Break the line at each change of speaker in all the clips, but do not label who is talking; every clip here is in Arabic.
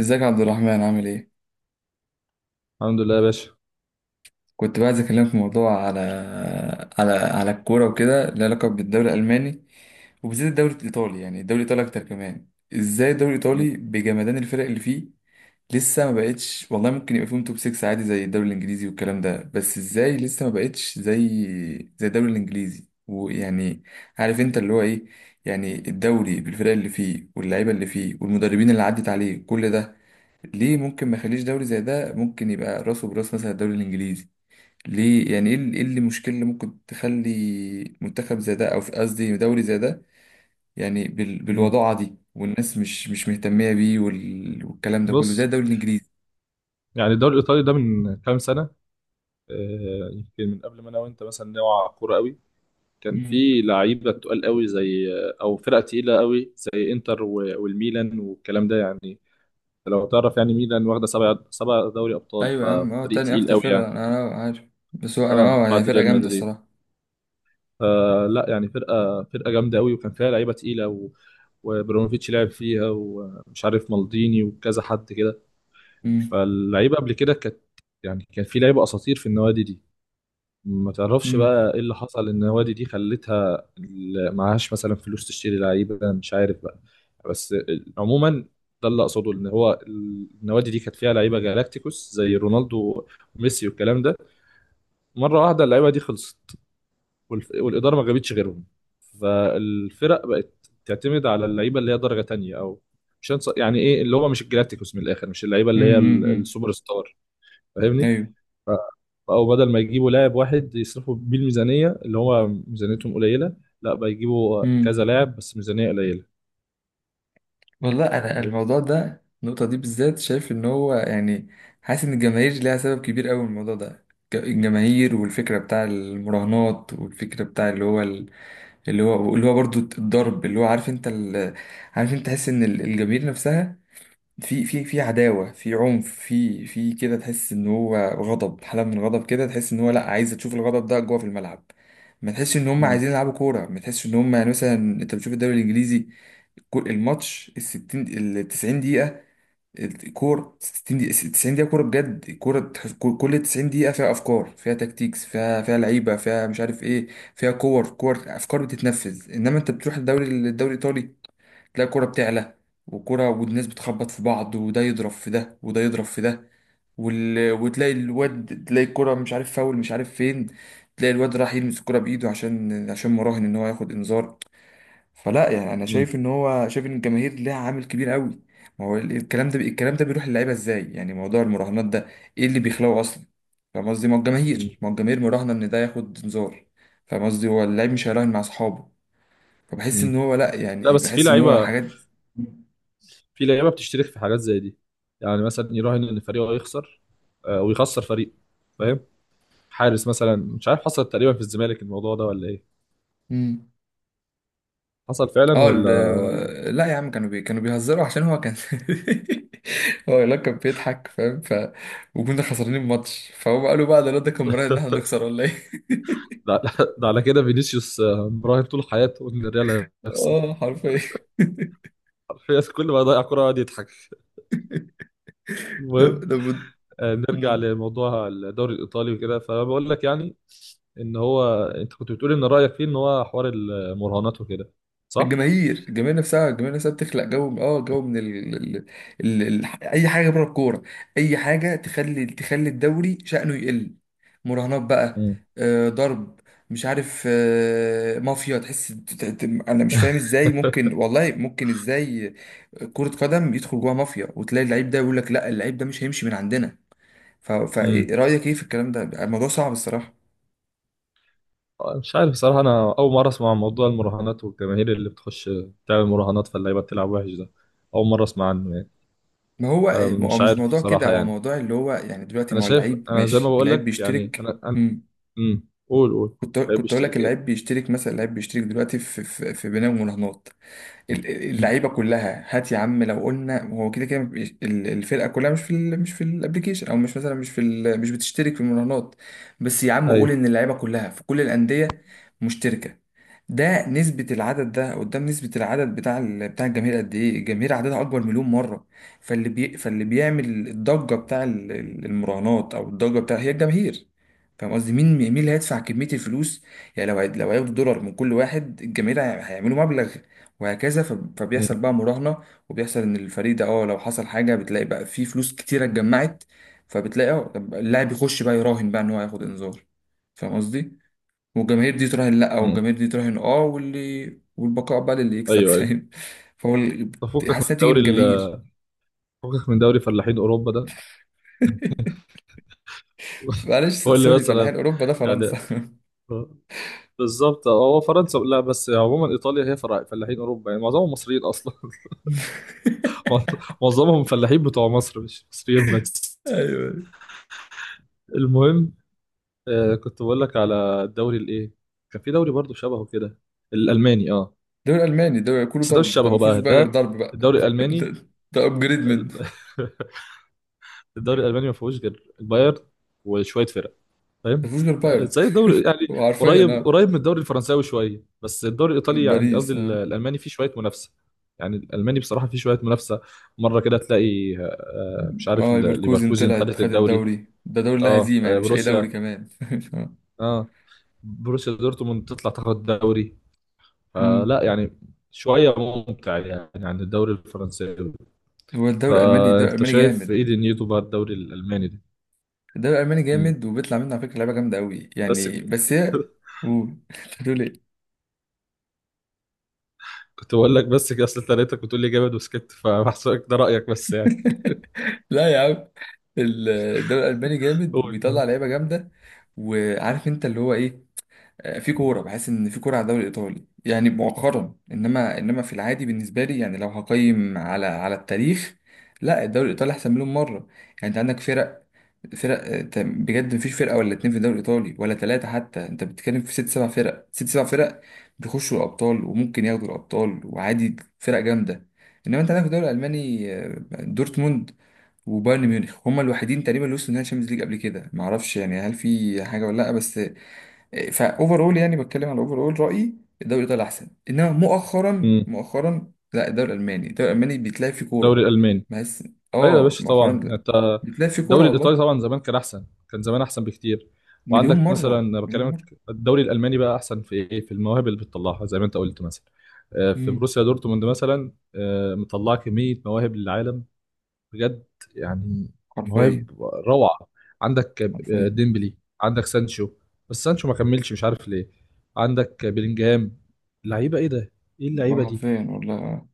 ازيك يا عبد الرحمن عامل ايه؟
الحمد لله يا باشا.
كنت بقى عايز اكلمك في موضوع على على الكوره وكده، لها علاقه بالدوري الالماني وبالذات الدوري الايطالي. يعني الدوري الايطالي اكتر كمان، ازاي الدوري
مم.
الايطالي بجمدان الفرق اللي فيه؟ لسه ما بقتش والله، ممكن يبقى فيهم توب 6 عادي زي الدوري الانجليزي والكلام ده، بس ازاي لسه ما بقتش زي الدوري الانجليزي؟ ويعني عارف انت اللي هو ايه، يعني الدوري بالفرق اللي فيه واللعيبه اللي فيه والمدربين اللي عدت عليه كل ده، ليه ممكن ما يخليش دوري زي ده ممكن يبقى راسه براس مثلا الدوري الانجليزي؟ ليه يعني؟ ايه إيه اللي المشكلة اللي ممكن تخلي منتخب زي ده، او قصدي دوري زي ده، يعني
مم.
بالوضاعة دي، والناس مش مهتمية بيه والكلام ده كله زي
بص.
الدوري الانجليزي؟
يعني الدوري الايطالي ده من كام سنه، يمكن من قبل ما انا وانت، مثلا نوع كوره قوي. كان
مم.
في لعيبه تقال قوي زي... او فرقه تقيله قوي زي انتر والميلان والكلام ده يعني. لو تعرف، يعني ميلان واخده سبع دوري ابطال،
ايوه يا عم، اه
ففريق
تاني
تقيل
اكتر
قوي
فرقة
يعني.
أنا عارف، بس هو انا
اه،
اه هي
بعد
فرقة
ريال
جامدة
مدريد.
الصراحة.
فلا يعني، فرقه جامده قوي، وكان فيها لعيبه تقيله وبرونوفيتش لعب فيها، ومش عارف مالديني وكذا حد كده.
مم.
فاللعيبه قبل كده كانت... يعني كان في لعيبه اساطير في النوادي دي. ما تعرفش
مم.
بقى ايه اللي حصل، النوادي دي خلتها معهاش مثلا فلوس تشتري لعيبه، مش عارف بقى. بس عموما، ده اللي اقصده، ان هو النوادي دي كانت فيها لعيبه جالاكتيكوس زي رونالدو وميسي والكلام ده. مره واحده اللعيبه دي خلصت، والاداره ما جابتش غيرهم. فالفرق بقت تعتمد على اللعيبه اللي هي درجه تانية، او مش هنص- يعني ايه اللي هو مش الجالاكتيكوس. من الاخر، مش اللعيبه اللي هي
امم،
السوبر ستار. فاهمني؟
ايوه.
او بدل ما يجيبوا لاعب واحد يصرفوا بيه الميزانيه، اللي هو ميزانيتهم قليله، لا بقى يجيبوا كذا
مم.
لاعب بس ميزانيه قليله.
والله انا
فاهم؟
الموضوع ده، النقطة دي بالذات شايف ان هو يعني حاسس ان الجماهير ليها سبب كبير قوي الموضوع ده. الجماهير، والفكرة بتاع المراهنات، والفكرة بتاع اللي هو اللي هو برضو الضرب، اللي هو عارف انت ال... عارف انت، تحس ان الجماهير نفسها، في في عداوة، في عنف، في كده، تحس ان هو غضب، حالة من الغضب كده، تحس ان هو لا، عايز تشوف الغضب ده جوه في الملعب. ما تحسش ان هم
مم.
عايزين يلعبوا كورة، ما تحسش ان هم يعني. مثلا انت بتشوف الدوري الانجليزي، كل الماتش ال 60، ال 90 دقيقة، الكورة 60 دقيقة، 90 دقيقة كورة بجد. الكورة كل 90 دقيقة فيها أفكار، فيها تكتيكس، فيها لعيبة، فيها مش عارف إيه، فيها كور، أفكار بتتنفذ. إنما أنت بتروح الدوري الإيطالي، تلاقي الكورة بتعلى وكرة، والناس بتخبط في بعض، وده يضرب في ده، وده يضرب في ده، وتلاقي الواد، تلاقي الكرة مش عارف فاول، مش عارف فين، تلاقي الواد راح يلمس الكرة بإيده عشان مراهن إن هو ياخد إنذار. فلا يعني، انا
مم.
شايف ان هو، شايف ان الجماهير ليها عامل كبير قوي. ما هو الكلام ده، بيروح للعيبه ازاي؟ يعني موضوع المراهنات ده، ايه اللي بيخلقه اصلا؟ فاهم قصدي؟ ما هو
مم.
الجماهير، مراهنه ان ده ياخد انذار. فاهم قصدي؟ هو اللاعب مش هيراهن مع اصحابه، فبحس ان
مم.
هو لا،
لا،
يعني
بس في
بحس ان هو
لعيبه،
حاجات.
بتشترك في حاجات زي دي. يعني مثلا يراهن ان فريقه هيخسر، ويخسر فريقه. فاهم؟ حارس مثلا، مش عارف، حصل تقريبا في الزمالك الموضوع ده ولا ايه؟
امم،
حصل فعلا
اه
ولا
لا يا عم، كانوا بي... كانوا بيهزروا عشان هو كان هو لا، كان بيضحك فاهم. ف وكنا خسرانين الماتش، فهو قالوا بقى ده، لا ده كان مراهن ان احنا نخسر ولا ايه.
ده ده على كده فينيسيوس مراهن طول حياته ان الريال هيخسر.
اه حرفيا.
حرفيا كل ما يضيع كرة يقعد يضحك.
ده
المهم،
بد...
نرجع لموضوع الدوري الايطالي وكده. فبقول لك يعني، ان هو انت كنت بتقول ان رايك فيه ان هو حوار المراهنات وكده، صح؟
الجماهير، الجماهير نفسها بتخلق جو، اه جو من ال... ال... ال... ال... اي حاجه بره الكوره، اي حاجه تخلي الدوري شأنه يقل. مراهنات بقى،
امم.
آه ضرب، مش عارف آه مافيا، تحس انا مش فاهم ازاي ممكن، والله ممكن ازاي كرة قدم يدخل جواها مافيا، وتلاقي اللعيب ده يقول لك لا، اللعيب ده مش هيمشي من عندنا.
امم.
فرأيك ايه في الكلام ده؟ الموضوع صعب الصراحة.
مش عارف بصراحه، انا اول مره اسمع عن موضوع المراهنات، والجماهير اللي بتخش تعمل مراهنات فاللعيبه بتلعب وحش ده. اول مره اسمع عنه يعني.
ما هو، هو
فمش
مش
عارف
موضوع كده،
بصراحه
هو
يعني.
موضوع اللي هو يعني دلوقتي،
انا
ما هو
شايف،
اللعيب
انا زي ما
ماشي،
بقول
اللعيب
لك يعني،
بيشترك.
انا قول قول.
كنت
لعيب
كنت اقول لك،
بيشترك
اللعيب
ايه؟
بيشترك، مثلا اللعيب بيشترك دلوقتي في في بناء المراهنات.
امم.
اللعيبه كلها، هات يا عم لو قلنا هو، كده كده الفرقه كلها مش في ال، مش في الابليكيشن، او مش مثلا مش في ال، مش بتشترك في المراهنات. بس يا عم قول
ايوه.
ان اللعيبه كلها في كل الانديه مشتركه، ده نسبة العدد ده قدام نسبة العدد بتاع بتاع الجماهير قد ايه؟ الجماهير عددها أكبر مليون مرة. فاللي بيعمل الضجة بتاع المراهنات، أو الضجة بتاع، هي الجماهير. فاهم قصدي؟ مين اللي هيدفع كمية الفلوس؟ يعني لو لو هياخدوا دولار من كل واحد، الجماهير هيعملوا مبلغ، وهكذا.
امم.
فبيحصل بقى مراهنة، وبيحصل ان الفريق ده اه لو حصل حاجة، بتلاقي بقى في فلوس كتيرة اتجمعت، فبتلاقي اه طب اللاعب يخش بقى يراهن بقى ان هو هياخد انذار. فاهم قصدي؟ والجماهير دي تراهن، لا
أمم.
والجماهير دي تراهن اه، واللي والبقاء بقى للي يكسب.
ايوه، ايوه.
فاهم؟ فهو
تفكك
حاسس
من
انها بتيجي من
دوري
الجماهير.
فكك من دوري فلاحين اوروبا ده.
معلش
قول لي
سوري، فلاحين
مثلا،
اوروبا ده فرنسا.
يعني بالظبط هو فرنسا. لا، بس عموما ايطاليا هي فلاحين اوروبا، يعني معظمهم مصريين اصلا. معظمهم فلاحين بتوع مصر، مش مصريين بس.
ايوه.
المهم، كنت بقول لك على الدوري الايه، كان في دوري برضو شبهه كده، الالماني، اه.
دوري الماني ده كله
بس ده مش
ضرب، ده ما
شبهه
فيهوش
بقى
بقى غير
ده.
ضرب بقى.
الدوري الالماني
ده ابجريد
ال-
منه.
الدوري الالماني ما فيهوش غير البايرن وشويه فرق، فاهم؟
ما فيهوش غير بايرن.
زي الدوري يعني،
هو حرفيا
قريب
آه.
قريب من الدوري الفرنساوي شويه، بس الدوري الايطالي يعني، قصدي
باريس اه.
الالماني فيه شويه منافسه. يعني الالماني بصراحه فيه شويه منافسه. مره كده تلاقي، مش عارف،
اه ليفركوزن
ليفركوزن
طلعت
خدت
خد
الدوري.
الدوري، ده دوري لا
اه،
هزيمة يعني، مش أي دوري
بروسيا.
كمان.
اه بروسيا دورتموند تطلع تاخد الدوري.
أمم.
فلا يعني، شويه ممتع يعني عن الدوري الفرنساوي.
هو الدوري الألماني،
فانت شايف
جامد.
ايه دنيته بقى الدوري الالماني ده؟
الدوري الألماني
مم.
جامد، وبيطلع منه على فكرة لعيبة جامدة أوي
بس...
يعني، بس هي. قول، هتقول إيه.
كنت بقول لك بس كده، اصل انت لقيتك بتقول لي جامد وسكت، فبحسبك ده رايك بس يعني.
لا يا عم، الدوري الألماني جامد،
قول قول.
وبيطلع لعيبة جامدة. وعارف أنت اللي هو إيه، آه، في كوره بحس ان في كوره على الدوري الايطالي يعني مؤخرا، انما في العادي بالنسبه لي، يعني لو هقيم على التاريخ، لا الدوري الايطالي احسن مليون مره. يعني انت عندك فرق، آه، بجد مفيش فرقه ولا اتنين في الدوري الايطالي ولا ثلاثه، حتى انت بتتكلم في ست سبع فرق، بيخشوا الابطال وممكن ياخدوا الابطال، وعادي فرق جامده. انما انت عندك في الدوري الالماني آه، دورتموند وبايرن ميونخ، هما الوحيدين تقريبا اللي وصلوا نهائي الشامبيونز ليج قبل كده، معرفش يعني هل في حاجه ولا لا بس. فاوفر اول يعني، بتكلم على اوفر اول رايي، الدوري الايطالي احسن، انما مؤخرا،
امم.
لا الدوري الالماني، الدوري الالماني بيتلعب فيه كوره
الدوري الالماني.
بس.
ايوه يا
اه
باشا،
مؤخرا
طبعا
لا،
انت.
بيتلعب فيه كوره
الدوري الايطالي
والله.
طبعا زمان كان احسن، كان زمان احسن بكتير.
مليون
وعندك
مره،
مثلا
مليون
بكلمك،
مره.
الدوري الالماني بقى احسن في ايه، في المواهب اللي بتطلعها زي ما انت قلت مثلا. في
امم.
بروسيا دورتموند مثلا، مطلعه كميه مواهب للعالم بجد. يعني
حرفيا.
مواهب روعة. عندك
حرفيا
ديمبلي. عندك سانشو، بس سانشو ما كملش، مش عارف ليه. عندك بلينجهام. لعيبة ايه ده! ايه اللعيبة
والله.
دي!
حرفيا والله.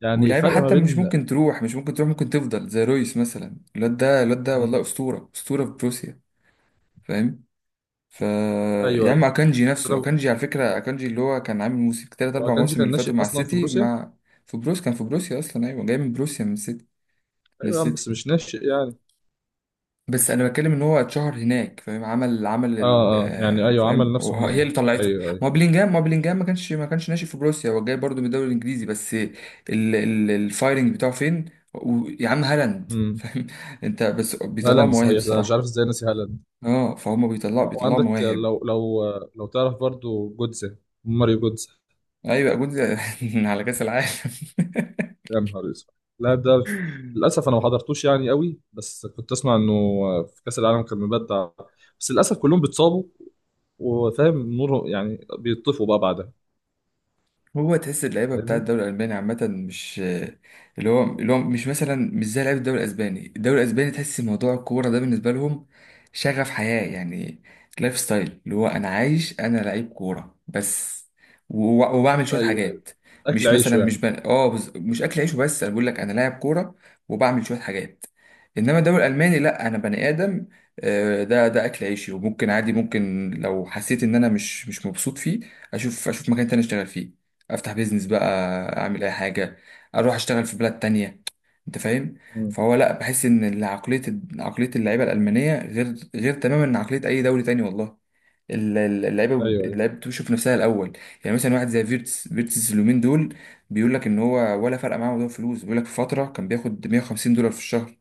يعني
ولاعيبه
الفرق ما
حتى مش
بين...
ممكن تروح، ممكن تفضل زي رويس مثلا، الواد ده
مم.
والله اسطوره، في بروسيا. فاهم؟ ف
ايوه،
يا عم،
ايوه.
اكانجي
بس
نفسه،
انا...
اكانجي على فكره، اكانجي اللي هو كان عامل موسم تلات اربع
واكانجي
مواسم
كان
اللي فاتوا
ناشئ
مع
اصلا في
السيتي،
بروسيا.
مع في بروس، كان في بروسيا اصلا. ايوه جاي من بروسيا، من السيتي
ايوه يا عم، بس
للسيتي.
مش ناشئ يعني.
بس انا بتكلم ان هو اتشهر هناك، فاهم، عمل
اه.
ال
اه يعني
آه،
ايوه، عمل
فاهم،
نفسه
هي اللي
هناك،
طلعته.
ايوه
ما
ايوه.
هو بلينجهام، ما كانش ناشئ في بروسيا، هو جاي برضه من الدوري الانجليزي، بس الفايرنج بتاعه فين؟ يا عم هالاند
امم
فاهم انت بس بيطلعوا
هالاند
مواهب
صحيح ده، انا مش عارف
الصراحه.
ازاي ناسي هالاند.
اه فهم، بيطلعوا بيطلعوا
وعندك،
مواهب.
لو تعرف برضو جودزا، ماريو جودزا.
ايوه جود، على كاس العالم.
يا نهار اسود، اللاعب ده! للاسف انا ما حضرتوش يعني قوي، بس كنت اسمع انه في كاس العالم كان مبدع. بس للاسف كلهم بيتصابوا، وفاهم نور، يعني بيطفوا بقى بعدها.
هو تحس اللعيبه بتاع
فاهمني؟
الدوري الالماني عامه مش، اللي هو، مش مثلا مش زي لعيبه الدوري الاسباني. الدوري الاسباني تحس موضوع الكوره ده بالنسبه لهم شغف حياه يعني، لايف ستايل، اللي هو انا عايش انا لعيب كوره بس، وبعمل شويه
ايوه ايوه.
حاجات.
اكل
مش مثلا
عيشه
مش
يعني.
بن... اه بز... مش اكل عيش وبس، انا بقول لك انا لاعب كوره، وبعمل شويه حاجات. انما الدوري الالماني لا، انا بني ادم آه، ده اكل عيشي، وممكن عادي، ممكن لو حسيت ان انا مش مبسوط فيه، اشوف مكان تاني اشتغل فيه، افتح بيزنس بقى، اعمل اي حاجه، اروح اشتغل في بلاد تانية. انت فاهم؟
مم.
فهو لا، بحس ان عقليه، اللعيبه الالمانيه غير، تماما عن عقليه اي دوري تاني والله.
ايوه
اللعيبه،
ايوه.
بتشوف نفسها الاول. يعني مثلا واحد زي فيرتس، اليومين دول بيقول لك ان هو ولا فرق معاه موضوع الفلوس. بيقول لك في فتره كان بياخد 150 دولار في الشهر.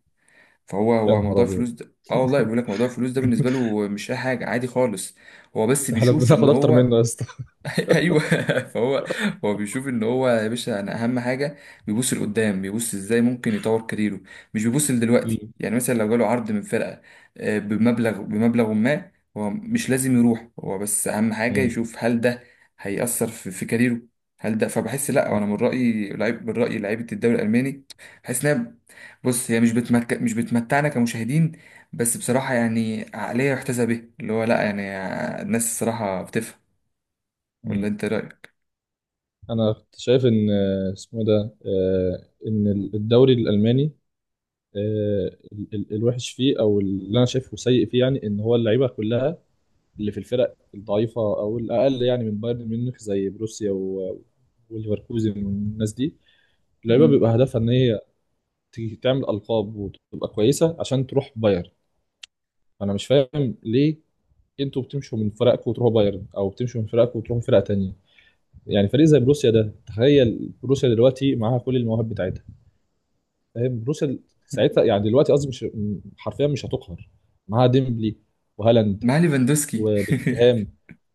فهو،
يا
هو
نهار
موضوع الفلوس
ابيض.
ده اه والله، بيقول لك موضوع الفلوس ده بالنسبه له مش اي حاجه، عادي خالص. هو بس
احنا
بيشوف ان
بناخد اكتر
هو،
منه يا اسطى!
ايوه، فهو، هو بيشوف ان هو يا باشا، انا اهم حاجه بيبص لقدام، بيبص ازاي ممكن يطور كاريره. مش بيبص لدلوقتي،
مم.
يعني مثلا لو جاله عرض من فرقه آه، بمبلغ ما، هو مش لازم يروح، هو بس اهم حاجه
مم.
يشوف هل ده هيأثر في, كاريره، هل ده. فبحس، لا انا من رأيي لعيب، من رأيي لعيبه الدوري الالماني بحس انها، بص هي مش بتمتعنا كمشاهدين، بس بصراحه يعني عقليه يحتذى بها، اللي هو لا يعني الناس الصراحه بتفهم. ولا
مم.
انت إيه رأيك؟
انا كنت شايف ان، آه، اسمه إيه ده آه، ان الدوري الالماني، آه، الوحش فيه، او اللي انا شايفه سيء فيه يعني، ان هو اللعيبه كلها اللي في الفرق الضعيفه او الاقل، يعني من بايرن ميونخ، زي بروسيا وليفركوزن والناس دي، اللعيبه
مم.
بيبقى هدفها ان هي تعمل القاب وتبقى كويسه عشان تروح بايرن. انا مش فاهم ليه انتوا بتمشوا من فرقكم وتروحوا بايرن، او بتمشوا من فرقكم وتروحوا فرقه تانية. يعني فريق زي بروسيا ده، تخيل بروسيا دلوقتي معاها كل المواهب بتاعتها، فاهم؟ بروسيا
مم.
ساعتها يعني، دلوقتي قصدي، مش... حرفيا مش هتقهر. معاها ديمبلي وهالاند
معاه ليفاندوسكي.
وبلينجهام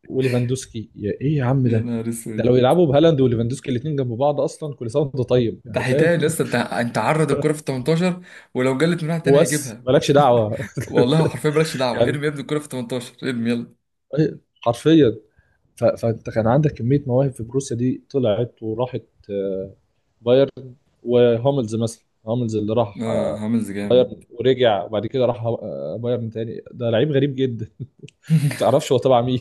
وليفاندوسكي. يا ايه يا عم
يا
ده!
نهار
ده
اسود،
لو يلعبوا بهالاند وليفاندوسكي الاثنين جنب بعض، اصلا كل سنه وانت طيب
ده
يعني، فاهم؟
هيتقل لسه، انت عرض الكرة في 18 ولو جلت من واحد تاني
وبس
هيجيبها.
مالكش دعوه.
والله هو حرفيا، مالكش دعوة،
يعني
ارمي يا ابني الكرة في 18، ارمي يلا.
إيه، حرفيا. فانت كان عندك كميه مواهب في بروسيا دي طلعت وراحت آه، بايرن. وهوملز مثلا، هوملز اللي راح
اه هاملز جامد.
بايرن ورجع، وبعد كده راح بايرن تاني. ده لعيب غريب جدا! ما تعرفش هو تبع مين.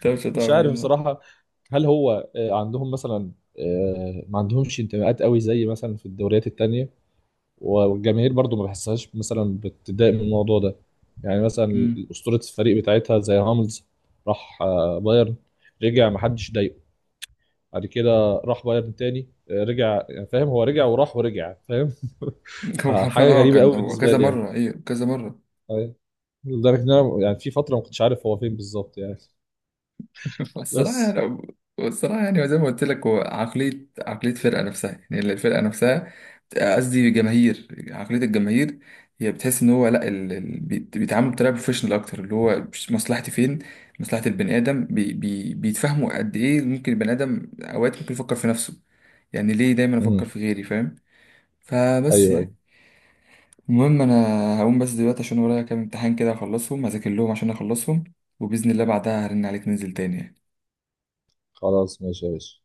طب مش
مش
هتعمل
عارف
ايه؟
بصراحة. هل هو عندهم مثلا ما عندهمش انتماءات قوي زي مثلا في الدوريات التانية، والجماهير برضو ما بحسهاش مثلا بتضايق من الموضوع ده؟ يعني مثلا
مم.
أسطورة الفريق بتاعتها زي هاملز، راح بايرن، رجع، ما حدش ضايقه، بعد كده راح بايرن تاني، رجع، يعني فاهم، هو رجع وراح ورجع، فاهم؟
هو حرفيا
فحاجة
اه،
غريبة
كان
قوي
هو
بالنسبة
كذا
لي يعني.
مرة، ايه كذا مرة.
أيوة. لدرجة إن أنا، يعني في فترة ما كنتش عارف هو فين بالظبط يعني.
الصراحة
بس.
يعني الصراحة يعني، زي ما قلت لك، هو عقلية فرقة نفسها، يعني اللي الفرقة نفسها، قصدي جماهير، عقلية الجماهير، هي بتحس ان هو لا، ال... ال... بيتعاملوا بطريقة بروفيشنال اكتر، اللي هو مش مصلحتي فين، مصلحة البني ادم، بي... بي... بيتفهموا قد ايه ممكن البني ادم اوقات ممكن يفكر في نفسه. يعني ليه دايما افكر
امم.
في غيري؟ فاهم؟ فبس
ايوه ايوه.
يعني، المهم انا هقوم بس دلوقتي، عشان ورايا كام امتحان كده اخلصهم، هذاكر لهم عشان اخلصهم، وبإذن الله بعدها هرن عليك ننزل تاني يعني.
خلاص ماشي يا باشا.